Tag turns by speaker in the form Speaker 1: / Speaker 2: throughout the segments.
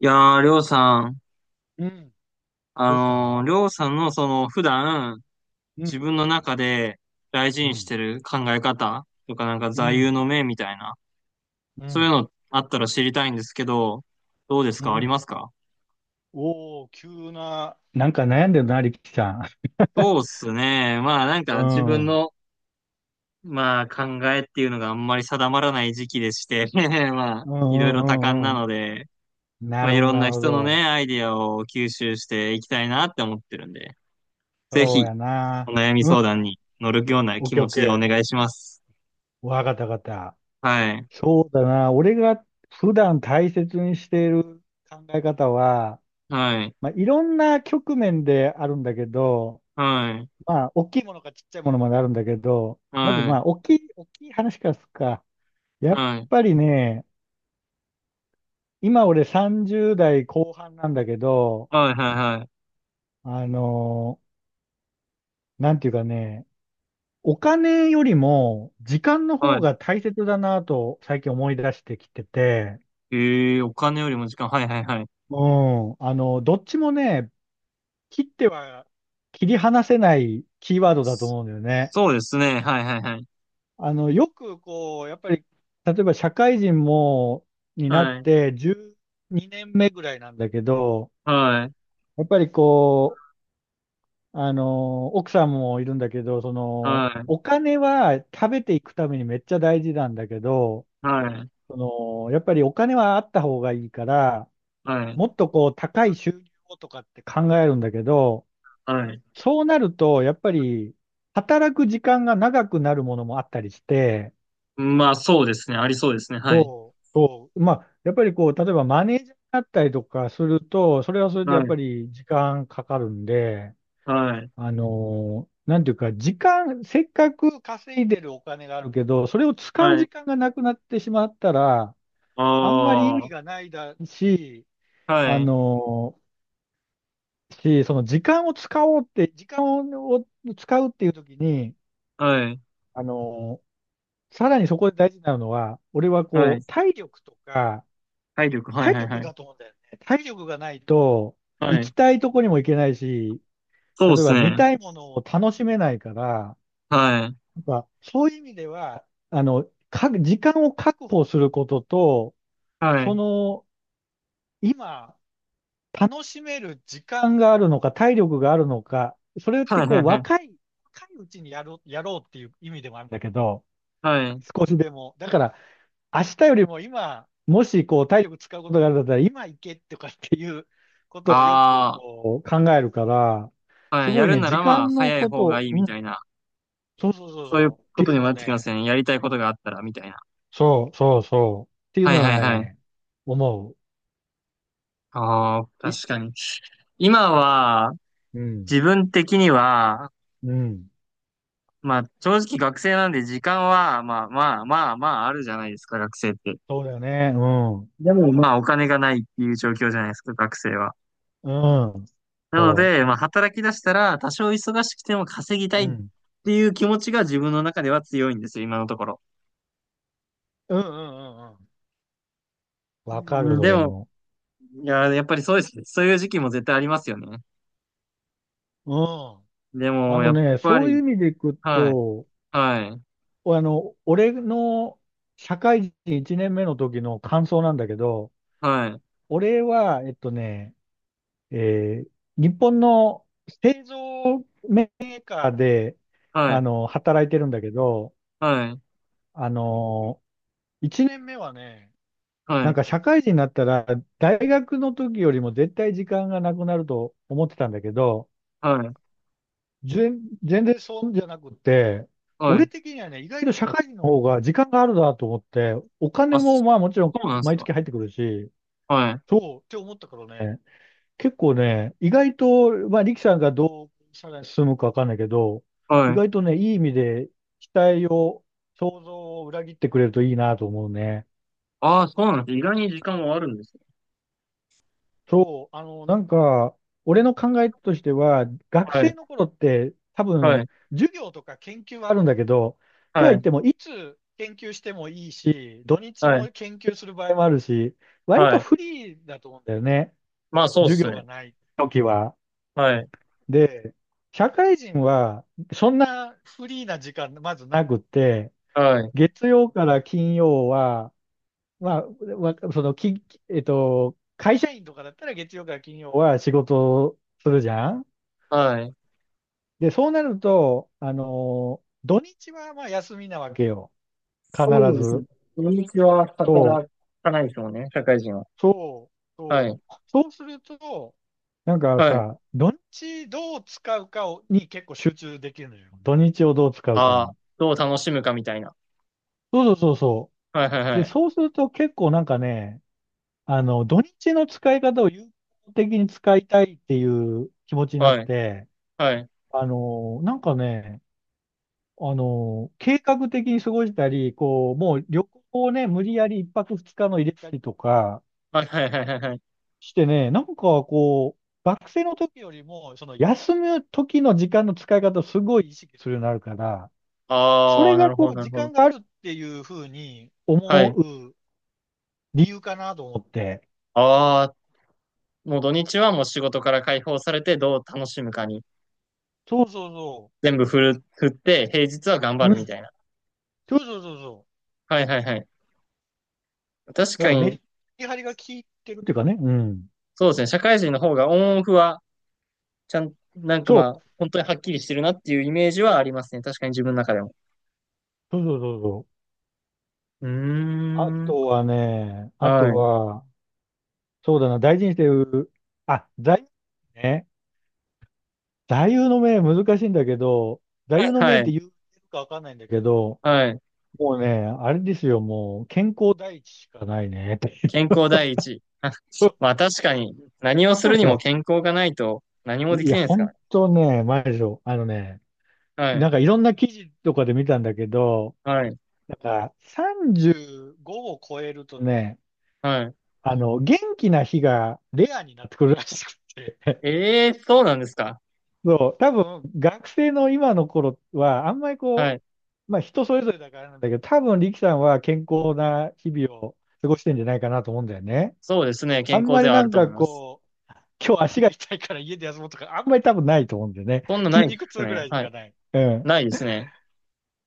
Speaker 1: いやー、りょうさん、
Speaker 2: うん。
Speaker 1: あ
Speaker 2: どうした。
Speaker 1: りょうさんのその普段
Speaker 2: う
Speaker 1: 自
Speaker 2: ん。
Speaker 1: 分の中で大事
Speaker 2: う
Speaker 1: にし
Speaker 2: ん。
Speaker 1: てる考え方とかなんか
Speaker 2: う
Speaker 1: 座右
Speaker 2: ん。
Speaker 1: の銘みたいな、
Speaker 2: う
Speaker 1: そういう
Speaker 2: ん。
Speaker 1: のあったら知りたいんですけど、どうです
Speaker 2: う
Speaker 1: かあり
Speaker 2: ん。
Speaker 1: ますか？
Speaker 2: おお、急な。なんか悩んでるな、力さん。
Speaker 1: そうっすね。まあなん
Speaker 2: う
Speaker 1: か自分
Speaker 2: ん。うん
Speaker 1: の、まあ考えっていうのがあんまり定まらない時期でして、まあ
Speaker 2: うん
Speaker 1: いろいろ多感
Speaker 2: うん
Speaker 1: な
Speaker 2: うん。
Speaker 1: ので、
Speaker 2: な
Speaker 1: まあ
Speaker 2: る
Speaker 1: い
Speaker 2: ほど、
Speaker 1: ろん
Speaker 2: な
Speaker 1: な
Speaker 2: るほ
Speaker 1: 人の
Speaker 2: ど。
Speaker 1: ね、アイディアを吸収していきたいなって思ってるんで、ぜ
Speaker 2: そう
Speaker 1: ひ
Speaker 2: や
Speaker 1: お
Speaker 2: な。
Speaker 1: 悩み
Speaker 2: うんう
Speaker 1: 相談
Speaker 2: ん。
Speaker 1: に乗るような
Speaker 2: オッ
Speaker 1: 気
Speaker 2: ケーオ
Speaker 1: 持
Speaker 2: ッ
Speaker 1: ち
Speaker 2: ケ
Speaker 1: でお
Speaker 2: ー。
Speaker 1: 願いします。
Speaker 2: わかったわかった。
Speaker 1: はい。
Speaker 2: そうだな。俺が普段大切にしている考え方は、
Speaker 1: はい。
Speaker 2: まあ、いろんな局面であるんだけど、
Speaker 1: はい。
Speaker 2: まあ、大きいものかちっちゃいものまであるんだけど、まず
Speaker 1: は
Speaker 2: ま
Speaker 1: い。
Speaker 2: あ、大きい話からすっか。やっ
Speaker 1: はい。
Speaker 2: ぱりね、今俺30代後半なんだけど、
Speaker 1: はい。はい。はい。
Speaker 2: あのーなんていうかね、お金よりも時間の方
Speaker 1: は
Speaker 2: が大切だなと最近思い出してきてて、
Speaker 1: い。ええー、お金よりも時間。はい、はい、はい。
Speaker 2: うん、どっちもね、切っては切り離せないキーワードだと思うんだよね。
Speaker 1: そうですね。はい、はい、はい。
Speaker 2: よくこう、やっぱり、例えば社会人も、になっ
Speaker 1: はい。
Speaker 2: て12年目ぐらいなんだけど、
Speaker 1: はい。
Speaker 2: やっぱりこう、奥さんもいるんだけど、
Speaker 1: はい。
Speaker 2: お金は食べていくためにめっちゃ大事なんだけど、
Speaker 1: はい。
Speaker 2: そやっぱりお金はあった方がいいから、
Speaker 1: はい。
Speaker 2: もっとこう、高い収入をとかって考えるんだけど、
Speaker 1: はい。
Speaker 2: そうなると、やっぱり、働く時間が長くなるものもあったりして、
Speaker 1: まあ、そうですね。ありそうですね。はい。
Speaker 2: そう、そう。まあ、やっぱりこう、例えばマネージャーになったりとかすると、それはそれで
Speaker 1: は
Speaker 2: やっぱ
Speaker 1: い。
Speaker 2: り時間かかるんで、
Speaker 1: はい。
Speaker 2: なんていうか、時間、せっかく稼いでるお金があるけど、それを使う
Speaker 1: はい。
Speaker 2: 時間がなくなってしまったら、
Speaker 1: あ
Speaker 2: あんまり意味
Speaker 1: あ。
Speaker 2: がないだし、
Speaker 1: は
Speaker 2: あ
Speaker 1: い。
Speaker 2: のその時間を使おうって、時間を使うっていう時に、
Speaker 1: はい。
Speaker 2: あのーさらにそこで大事なのは、俺は
Speaker 1: は
Speaker 2: こ
Speaker 1: い。
Speaker 2: う、体力とか、
Speaker 1: 体力。はい、
Speaker 2: 体
Speaker 1: はい、は
Speaker 2: 力
Speaker 1: い。
Speaker 2: だと思うんだよね。体力がないと、
Speaker 1: は
Speaker 2: 行き
Speaker 1: い。
Speaker 2: たいとこにも行けないし、
Speaker 1: そう
Speaker 2: 例
Speaker 1: で
Speaker 2: え
Speaker 1: す
Speaker 2: ば見
Speaker 1: ね。
Speaker 2: たいものを楽しめないから、
Speaker 1: はい。
Speaker 2: なんか、そういう意味では、あの、時間を確保することと、
Speaker 1: は
Speaker 2: そ
Speaker 1: い。
Speaker 2: の、今、楽しめる時間があるのか、体力があるのか、それって
Speaker 1: はい、は
Speaker 2: こ
Speaker 1: い、
Speaker 2: う、
Speaker 1: はい。
Speaker 2: 若いうちにやろう、やろうっていう意味でもあるんだけど、
Speaker 1: はい。
Speaker 2: 少しでも。だから、明日よりも今、もしこう、体力使うことがあるんだったら、今行けとかっていうことをよく
Speaker 1: ああ。
Speaker 2: こう、考えるから、す
Speaker 1: はい、
Speaker 2: ご
Speaker 1: や
Speaker 2: い
Speaker 1: る
Speaker 2: ね、
Speaker 1: な
Speaker 2: 時
Speaker 1: らまあ、
Speaker 2: 間の
Speaker 1: 早い
Speaker 2: こ
Speaker 1: 方が
Speaker 2: と、
Speaker 1: いい
Speaker 2: う
Speaker 1: みた
Speaker 2: ん、
Speaker 1: いな。
Speaker 2: そうそうそう
Speaker 1: そういう
Speaker 2: そう、っ
Speaker 1: こ
Speaker 2: てい
Speaker 1: と
Speaker 2: う
Speaker 1: にも
Speaker 2: の
Speaker 1: な
Speaker 2: を
Speaker 1: ってきま
Speaker 2: ね、
Speaker 1: すね。やりたいことがあったら、みたいな。
Speaker 2: そう、そう、そう。っていう
Speaker 1: はい、
Speaker 2: の
Speaker 1: はい、
Speaker 2: は
Speaker 1: はい。
Speaker 2: ね、思
Speaker 1: ああ、
Speaker 2: う。
Speaker 1: 確かに。今は、
Speaker 2: うん、
Speaker 1: 自分的には、
Speaker 2: うん。
Speaker 1: まあ、正直学生なんで時間は、まあまあまあまああるじゃないですか、学生って。
Speaker 2: そうだよね。うん、
Speaker 1: でもまあ、お金がないっていう状況じゃないですか、学生は。
Speaker 2: うん。
Speaker 1: なの
Speaker 2: そ
Speaker 1: で、まあ、働き出したら、多少忙しくても稼ぎた
Speaker 2: う。
Speaker 1: い
Speaker 2: う
Speaker 1: っ
Speaker 2: ん。
Speaker 1: ていう気持ちが自分の中では強いんですよ、今のところ。
Speaker 2: うん、うん、うん、うん。わか
Speaker 1: う
Speaker 2: る、
Speaker 1: ん。
Speaker 2: そ
Speaker 1: で
Speaker 2: れ
Speaker 1: も、
Speaker 2: も。
Speaker 1: いやー、やっぱりそうですね、そういう時期も絶対ありますよね。
Speaker 2: うん。
Speaker 1: で
Speaker 2: あ
Speaker 1: も、
Speaker 2: の
Speaker 1: やっ
Speaker 2: ね、
Speaker 1: ぱ
Speaker 2: そういう
Speaker 1: り、
Speaker 2: 意味でいく
Speaker 1: はい、
Speaker 2: と、
Speaker 1: はい、
Speaker 2: 俺の社会人1年目の時の感想なんだけど、
Speaker 1: はい、
Speaker 2: 俺は、えっとね、えー日本の製造メーカーで、
Speaker 1: はい、
Speaker 2: 働いてるんだけど、
Speaker 1: はい、
Speaker 2: あの、一年目はね、
Speaker 1: は
Speaker 2: なん
Speaker 1: い、
Speaker 2: か社会人になったら、大学の時よりも絶対時間がなくなると思ってたんだけど、
Speaker 1: はい、
Speaker 2: 全然そうじゃなくて、
Speaker 1: は
Speaker 2: 俺
Speaker 1: い。
Speaker 2: 的にはね、意外と社会人の方が時間があるなと思って、お金
Speaker 1: あ、
Speaker 2: もまあもちろ
Speaker 1: そ
Speaker 2: ん
Speaker 1: うなんです
Speaker 2: 毎
Speaker 1: か。
Speaker 2: 月入ってくるし、
Speaker 1: はい、
Speaker 2: そうって思ったからね、結構ね、意外と、まあ力さんがどうさらに進むかわかんないけど、意
Speaker 1: はい。
Speaker 2: 外とね、いい意味で期待を、想像を裏切ってくれるといいなと思うね。
Speaker 1: ああ、そうなんです。意外に時間はあるんですね。
Speaker 2: そう、なんか、俺の考えとしては、学
Speaker 1: は
Speaker 2: 生
Speaker 1: い、
Speaker 2: の頃って多
Speaker 1: は
Speaker 2: 分、
Speaker 1: い、
Speaker 2: 授業とか研究はあるんだけど、と
Speaker 1: は
Speaker 2: は言っ
Speaker 1: い、
Speaker 2: ても、いつ研究してもいいし、土日
Speaker 1: はい、
Speaker 2: も研究する場合もあるし、割
Speaker 1: は
Speaker 2: と
Speaker 1: い。
Speaker 2: フリーだと思うんだよね。
Speaker 1: まあ、そうで
Speaker 2: 授
Speaker 1: す
Speaker 2: 業
Speaker 1: ね。
Speaker 2: がない時は。
Speaker 1: はい、
Speaker 2: で、社会人は、そんなフリーな時間、まずなくって、
Speaker 1: はい、
Speaker 2: 月曜から金曜は、まあ、わその、き、えっと、会社員とかだったら月曜から金曜は仕事をするじゃん。
Speaker 1: はい。
Speaker 2: で、そうなると、土日はまあ休みなわけよ。必
Speaker 1: そうですね。
Speaker 2: ず。
Speaker 1: 土日は
Speaker 2: そ
Speaker 1: 働
Speaker 2: う、
Speaker 1: かないですもんね、社会人は。
Speaker 2: そう、
Speaker 1: は
Speaker 2: そ
Speaker 1: い、
Speaker 2: う。そうすると、なんか
Speaker 1: はい。
Speaker 2: さ、土日どう使うかをに結構集中できるのよ。土日をどう使うか
Speaker 1: あ
Speaker 2: に。
Speaker 1: あ、どう楽しむかみたいな。
Speaker 2: そうそうそうそ
Speaker 1: はい、はい、
Speaker 2: う。で、
Speaker 1: はい、
Speaker 2: そうすると結構なんかね、土日の使い方を有効的に使いたいっていう気持ちになっ
Speaker 1: はい、
Speaker 2: て、
Speaker 1: はい、
Speaker 2: なんかね、計画的に過ごしたり、こう、もう旅行をね、無理やり一泊二日の入れたりとか
Speaker 1: はい、はい、はい、はい、はい。
Speaker 2: してね、なんかこう、学生の時よりも、その休む時の時間の使い方をすごい意識するようになるから、そ
Speaker 1: あ
Speaker 2: れ
Speaker 1: あ、な
Speaker 2: が
Speaker 1: るほど、
Speaker 2: こう、
Speaker 1: なる
Speaker 2: 時
Speaker 1: ほ
Speaker 2: 間
Speaker 1: ど。
Speaker 2: があるっていうふうに
Speaker 1: は
Speaker 2: 思
Speaker 1: い。
Speaker 2: う理由かなと思って。
Speaker 1: ああ、もう土日はもう仕事から解放されてどう楽しむかに
Speaker 2: そうそうそ
Speaker 1: 全部振る、振って、平日は頑張
Speaker 2: う。う
Speaker 1: る
Speaker 2: ん。
Speaker 1: みたいな。
Speaker 2: そうそうそうそう。
Speaker 1: はい、はい、はい。確
Speaker 2: なん
Speaker 1: か
Speaker 2: か
Speaker 1: に、
Speaker 2: メリハリが効いてるっていうかね。うん。
Speaker 1: そうですね。社会人の方がオンオフは、ちゃん、なんか
Speaker 2: そ
Speaker 1: まあ、
Speaker 2: う。
Speaker 1: 本当にはっきりしてるなっていうイメージはありますね。確かに自分の中でも。
Speaker 2: そうそうそうそう。
Speaker 1: うー
Speaker 2: あ
Speaker 1: ん。
Speaker 2: とはね、あ
Speaker 1: は
Speaker 2: と
Speaker 1: い。
Speaker 2: は、そうだな、大事にしてる、あ、座右ね。座右の銘難しいんだけど、座右の銘
Speaker 1: は
Speaker 2: って
Speaker 1: い。
Speaker 2: 言うかわかんないんだけど、
Speaker 1: はい。
Speaker 2: もうね、あれですよ、もう、健康第一しかないね、ってい
Speaker 1: 健康第一。あ、
Speaker 2: う。
Speaker 1: まあ確かに、何をする
Speaker 2: い
Speaker 1: にも
Speaker 2: や、
Speaker 1: 健康がないと何もで
Speaker 2: い
Speaker 1: き
Speaker 2: や、
Speaker 1: ないですから
Speaker 2: 本
Speaker 1: ね。
Speaker 2: 当ね、マジでしょ。あのね、
Speaker 1: は
Speaker 2: な
Speaker 1: い。
Speaker 2: んかいろんな記事とかで見たんだけど、
Speaker 1: はい。
Speaker 2: なんか35を超えるとね、
Speaker 1: はい。
Speaker 2: 元気な日がレアになってくるらしくて。
Speaker 1: ええ、そうなんですか。
Speaker 2: そう、多分学生の今の頃は、あんまり
Speaker 1: は
Speaker 2: こ
Speaker 1: い。
Speaker 2: う、まあ人それぞれだからなんだけど、多分力さんは健康な日々を過ごしてんじゃないかなと思うんだよね。
Speaker 1: そうですね。
Speaker 2: あ
Speaker 1: 健
Speaker 2: ん
Speaker 1: 康
Speaker 2: ま
Speaker 1: で
Speaker 2: り
Speaker 1: はあ
Speaker 2: な
Speaker 1: る
Speaker 2: ん
Speaker 1: と思
Speaker 2: か
Speaker 1: います。
Speaker 2: こう、今日足が痛いから家で休もうとか、あんまり多分ないと思うんだよね。
Speaker 1: そんなな
Speaker 2: 筋
Speaker 1: いで
Speaker 2: 肉
Speaker 1: す
Speaker 2: 痛ぐ
Speaker 1: ね。
Speaker 2: らいし
Speaker 1: はい。
Speaker 2: かない。うん。
Speaker 1: ないですね。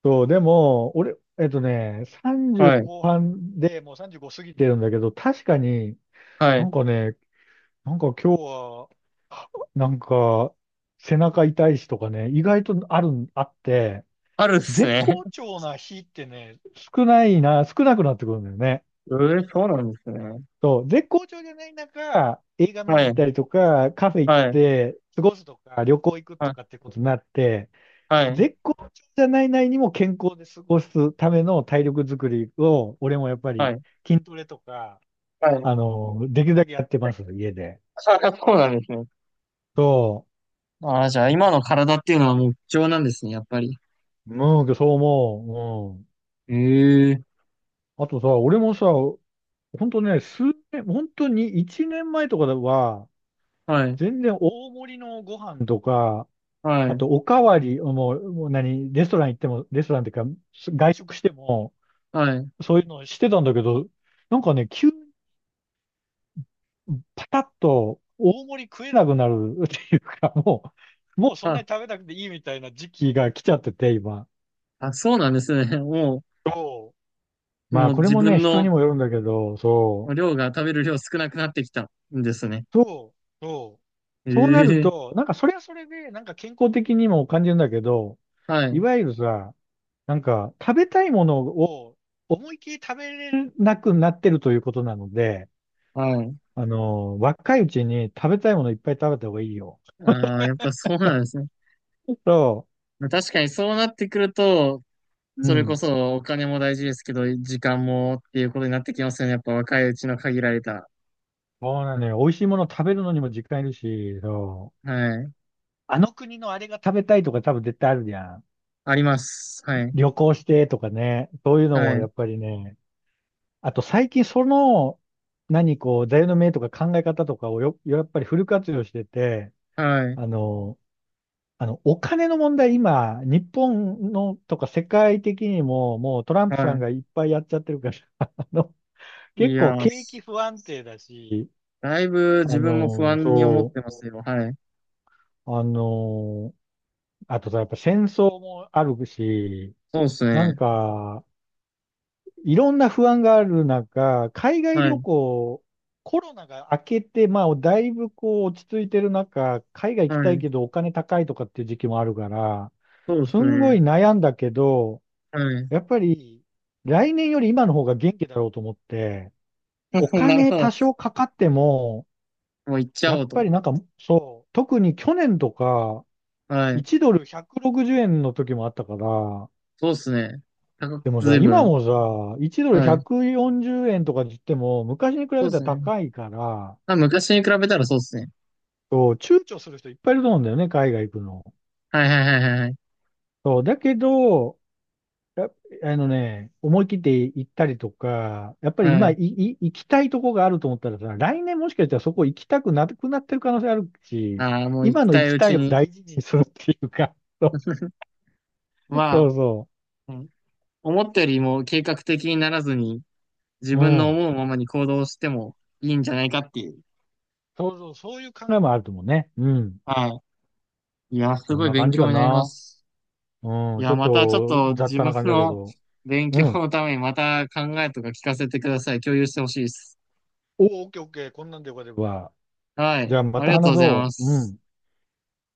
Speaker 2: そう、でも、俺、
Speaker 1: は
Speaker 2: 30
Speaker 1: い。
Speaker 2: 後半でもう35過ぎてるんだけど、確かに
Speaker 1: は
Speaker 2: な
Speaker 1: い。
Speaker 2: んかね、なんか今日は、なんか背中痛いしとかね、意外とあるん、あって、
Speaker 1: あるです
Speaker 2: 絶
Speaker 1: ね。
Speaker 2: 好 調な日ってね、少なくなってくるんだよね。
Speaker 1: ええ、そうなんですね。
Speaker 2: そう、絶好調じゃない中、映画見
Speaker 1: は
Speaker 2: に行っ
Speaker 1: い。
Speaker 2: たりとか、カフェ行っ
Speaker 1: はい。
Speaker 2: て過ごすとか、旅行行く
Speaker 1: は
Speaker 2: とかっ
Speaker 1: い。
Speaker 2: てことになって、
Speaker 1: はい。
Speaker 2: 絶好調じゃない内にも健康で過ごすための体力づくりを、俺もやっぱ
Speaker 1: は
Speaker 2: り
Speaker 1: い。
Speaker 2: 筋トレとか、
Speaker 1: はい。
Speaker 2: できるだけやってます、家で。
Speaker 1: あ、そうなんですね。
Speaker 2: そ
Speaker 1: ああ、じゃあ今の体っていうのはもう貴重なんですね、やっぱり。
Speaker 2: う、うん、そう思う。うん。
Speaker 1: ええ。
Speaker 2: あとさ、俺もさ、本当ね、数年、本当に1年前とかは、
Speaker 1: はい。
Speaker 2: 全然大盛りのご飯とか、
Speaker 1: は
Speaker 2: あ
Speaker 1: い。
Speaker 2: とおかわり、もう何、レストラン行っても、レストランっていうか、外食しても、
Speaker 1: はい。
Speaker 2: そういうのしてたんだけど、なんかね、急にパタッと大盛り食えなくなるっていうか、もうそんな
Speaker 1: あ、
Speaker 2: に食べなくていいみたいな時期が来ちゃってて、今。
Speaker 1: あ、そうなんですね。も
Speaker 2: そう。
Speaker 1: う、
Speaker 2: ま
Speaker 1: も
Speaker 2: あ、
Speaker 1: う
Speaker 2: これ
Speaker 1: 自
Speaker 2: もね、
Speaker 1: 分
Speaker 2: 人
Speaker 1: の
Speaker 2: にもよるんだけど、そ
Speaker 1: 量が、食べる量少なくなってきたんですね。
Speaker 2: う。そう。そう。そうなる
Speaker 1: ええ。
Speaker 2: と、なんかそれはそれで、なんか健康的にも感じるんだけど、
Speaker 1: は
Speaker 2: い
Speaker 1: い。
Speaker 2: わゆるさ、なんか、食べたいものを思いっきり食べれなくなってるということなので、
Speaker 1: はい。
Speaker 2: 若いうちに食べたいものいっぱい食べた方がいいよ。
Speaker 1: ああ、やっぱそうなんですね。
Speaker 2: そ
Speaker 1: まあ確かにそうなってくると、
Speaker 2: う、う
Speaker 1: それこ
Speaker 2: ん。
Speaker 1: そお金も大事ですけど、時間もっていうことになってきますよね。やっぱ若いうちの限られた。
Speaker 2: そうなのよ。美味しいもの食べるのにも時間いるし、そう。
Speaker 1: はい。
Speaker 2: あの国のあれが食べたいとか多分絶対あるじゃん。
Speaker 1: あります。はい。
Speaker 2: 旅行してとかね。そういうのも
Speaker 1: は
Speaker 2: や
Speaker 1: い。
Speaker 2: っぱりね。あと最近その、何こう、座右の銘とか考え方とかをよ、やっぱりフル活用してて、
Speaker 1: はい。
Speaker 2: あの、お金の問題、今、日本のとか世界的にも、もうトラン
Speaker 1: は
Speaker 2: プさん
Speaker 1: い。
Speaker 2: がいっぱいやっちゃってるから、あの、
Speaker 1: い
Speaker 2: 結
Speaker 1: や
Speaker 2: 構
Speaker 1: ー、
Speaker 2: 景気不安定だし、
Speaker 1: だいぶ自分も不安に思っ
Speaker 2: そ
Speaker 1: てますよ。はい。
Speaker 2: う、あとさ、やっぱ戦争もあるし、
Speaker 1: そうです
Speaker 2: なん
Speaker 1: ね。
Speaker 2: か、いろんな不安がある中、海外
Speaker 1: は
Speaker 2: 旅
Speaker 1: い。
Speaker 2: 行、コロナが明けて、まあ、だいぶこう落ち着いてる中、海外
Speaker 1: は
Speaker 2: 行きたい
Speaker 1: い。
Speaker 2: けどお金高いとかっていう時期もあるから、
Speaker 1: そうで
Speaker 2: す
Speaker 1: す
Speaker 2: んご
Speaker 1: ね。
Speaker 2: い悩んだけど、
Speaker 1: はい。
Speaker 2: やっぱり、来年より今の方が元気だろうと思って、お
Speaker 1: なる
Speaker 2: 金
Speaker 1: ほ
Speaker 2: 多
Speaker 1: ど。
Speaker 2: 少かかっても、
Speaker 1: もう行っちゃ
Speaker 2: や
Speaker 1: おう
Speaker 2: っ
Speaker 1: と。
Speaker 2: ぱりなんか、そう、特に去年とか、
Speaker 1: はい。
Speaker 2: 1ドル160円の時もあったから、
Speaker 1: そうですね。高く、
Speaker 2: でも
Speaker 1: ず
Speaker 2: さ、
Speaker 1: いぶ
Speaker 2: 今
Speaker 1: ん。
Speaker 2: もさ、1ドル
Speaker 1: はい。
Speaker 2: 140円とか言っても、昔に比べ
Speaker 1: そうで
Speaker 2: たら
Speaker 1: すね。
Speaker 2: 高いから、
Speaker 1: まあ、昔に比べたらそうですね。
Speaker 2: そう、躊躇する人いっぱいいると思うんだよね、海外行くの。
Speaker 1: はい、はい、はい、はい、はい。
Speaker 2: そう、だけど、や、あのね、思い切って行ったりとか、やっぱり
Speaker 1: は
Speaker 2: 今
Speaker 1: い。
Speaker 2: 行きたいとこがあると思ったらさ、来年もしかしたらそこ行きたくなくなってる可能性あるし、
Speaker 1: ああ、もう行
Speaker 2: 今
Speaker 1: き
Speaker 2: の
Speaker 1: たい
Speaker 2: 行き
Speaker 1: う
Speaker 2: た
Speaker 1: ち
Speaker 2: いを
Speaker 1: に
Speaker 2: 大事にするっていうか、そうそ
Speaker 1: は、
Speaker 2: うそ
Speaker 1: うん、思ったよりも計画的にならずに、自
Speaker 2: う。う
Speaker 1: 分の
Speaker 2: ん。
Speaker 1: 思うままに行動してもいいんじゃないかっていう。
Speaker 2: そうそう、そういう考えもあると思うね。うん。
Speaker 1: はい。いや、す
Speaker 2: そん
Speaker 1: ごい
Speaker 2: な
Speaker 1: 勉
Speaker 2: 感じ
Speaker 1: 強
Speaker 2: か
Speaker 1: になりま
Speaker 2: な。
Speaker 1: す。
Speaker 2: う
Speaker 1: い
Speaker 2: ん。ち
Speaker 1: や、
Speaker 2: ょっ
Speaker 1: またちょっ
Speaker 2: と
Speaker 1: と
Speaker 2: 雑
Speaker 1: 自
Speaker 2: 多
Speaker 1: 分
Speaker 2: な感じだけ
Speaker 1: の
Speaker 2: ど。
Speaker 1: 勉
Speaker 2: う
Speaker 1: 強
Speaker 2: ん。
Speaker 1: のためにまた考えとか聞かせてください。共有してほしいです。
Speaker 2: おお、オッケーオッケー。こんなんでよければ。
Speaker 1: は
Speaker 2: じ
Speaker 1: い。
Speaker 2: ゃあま
Speaker 1: あ
Speaker 2: た
Speaker 1: りがとう
Speaker 2: 話
Speaker 1: ござい
Speaker 2: そ
Speaker 1: ま
Speaker 2: う。う
Speaker 1: す。
Speaker 2: ん。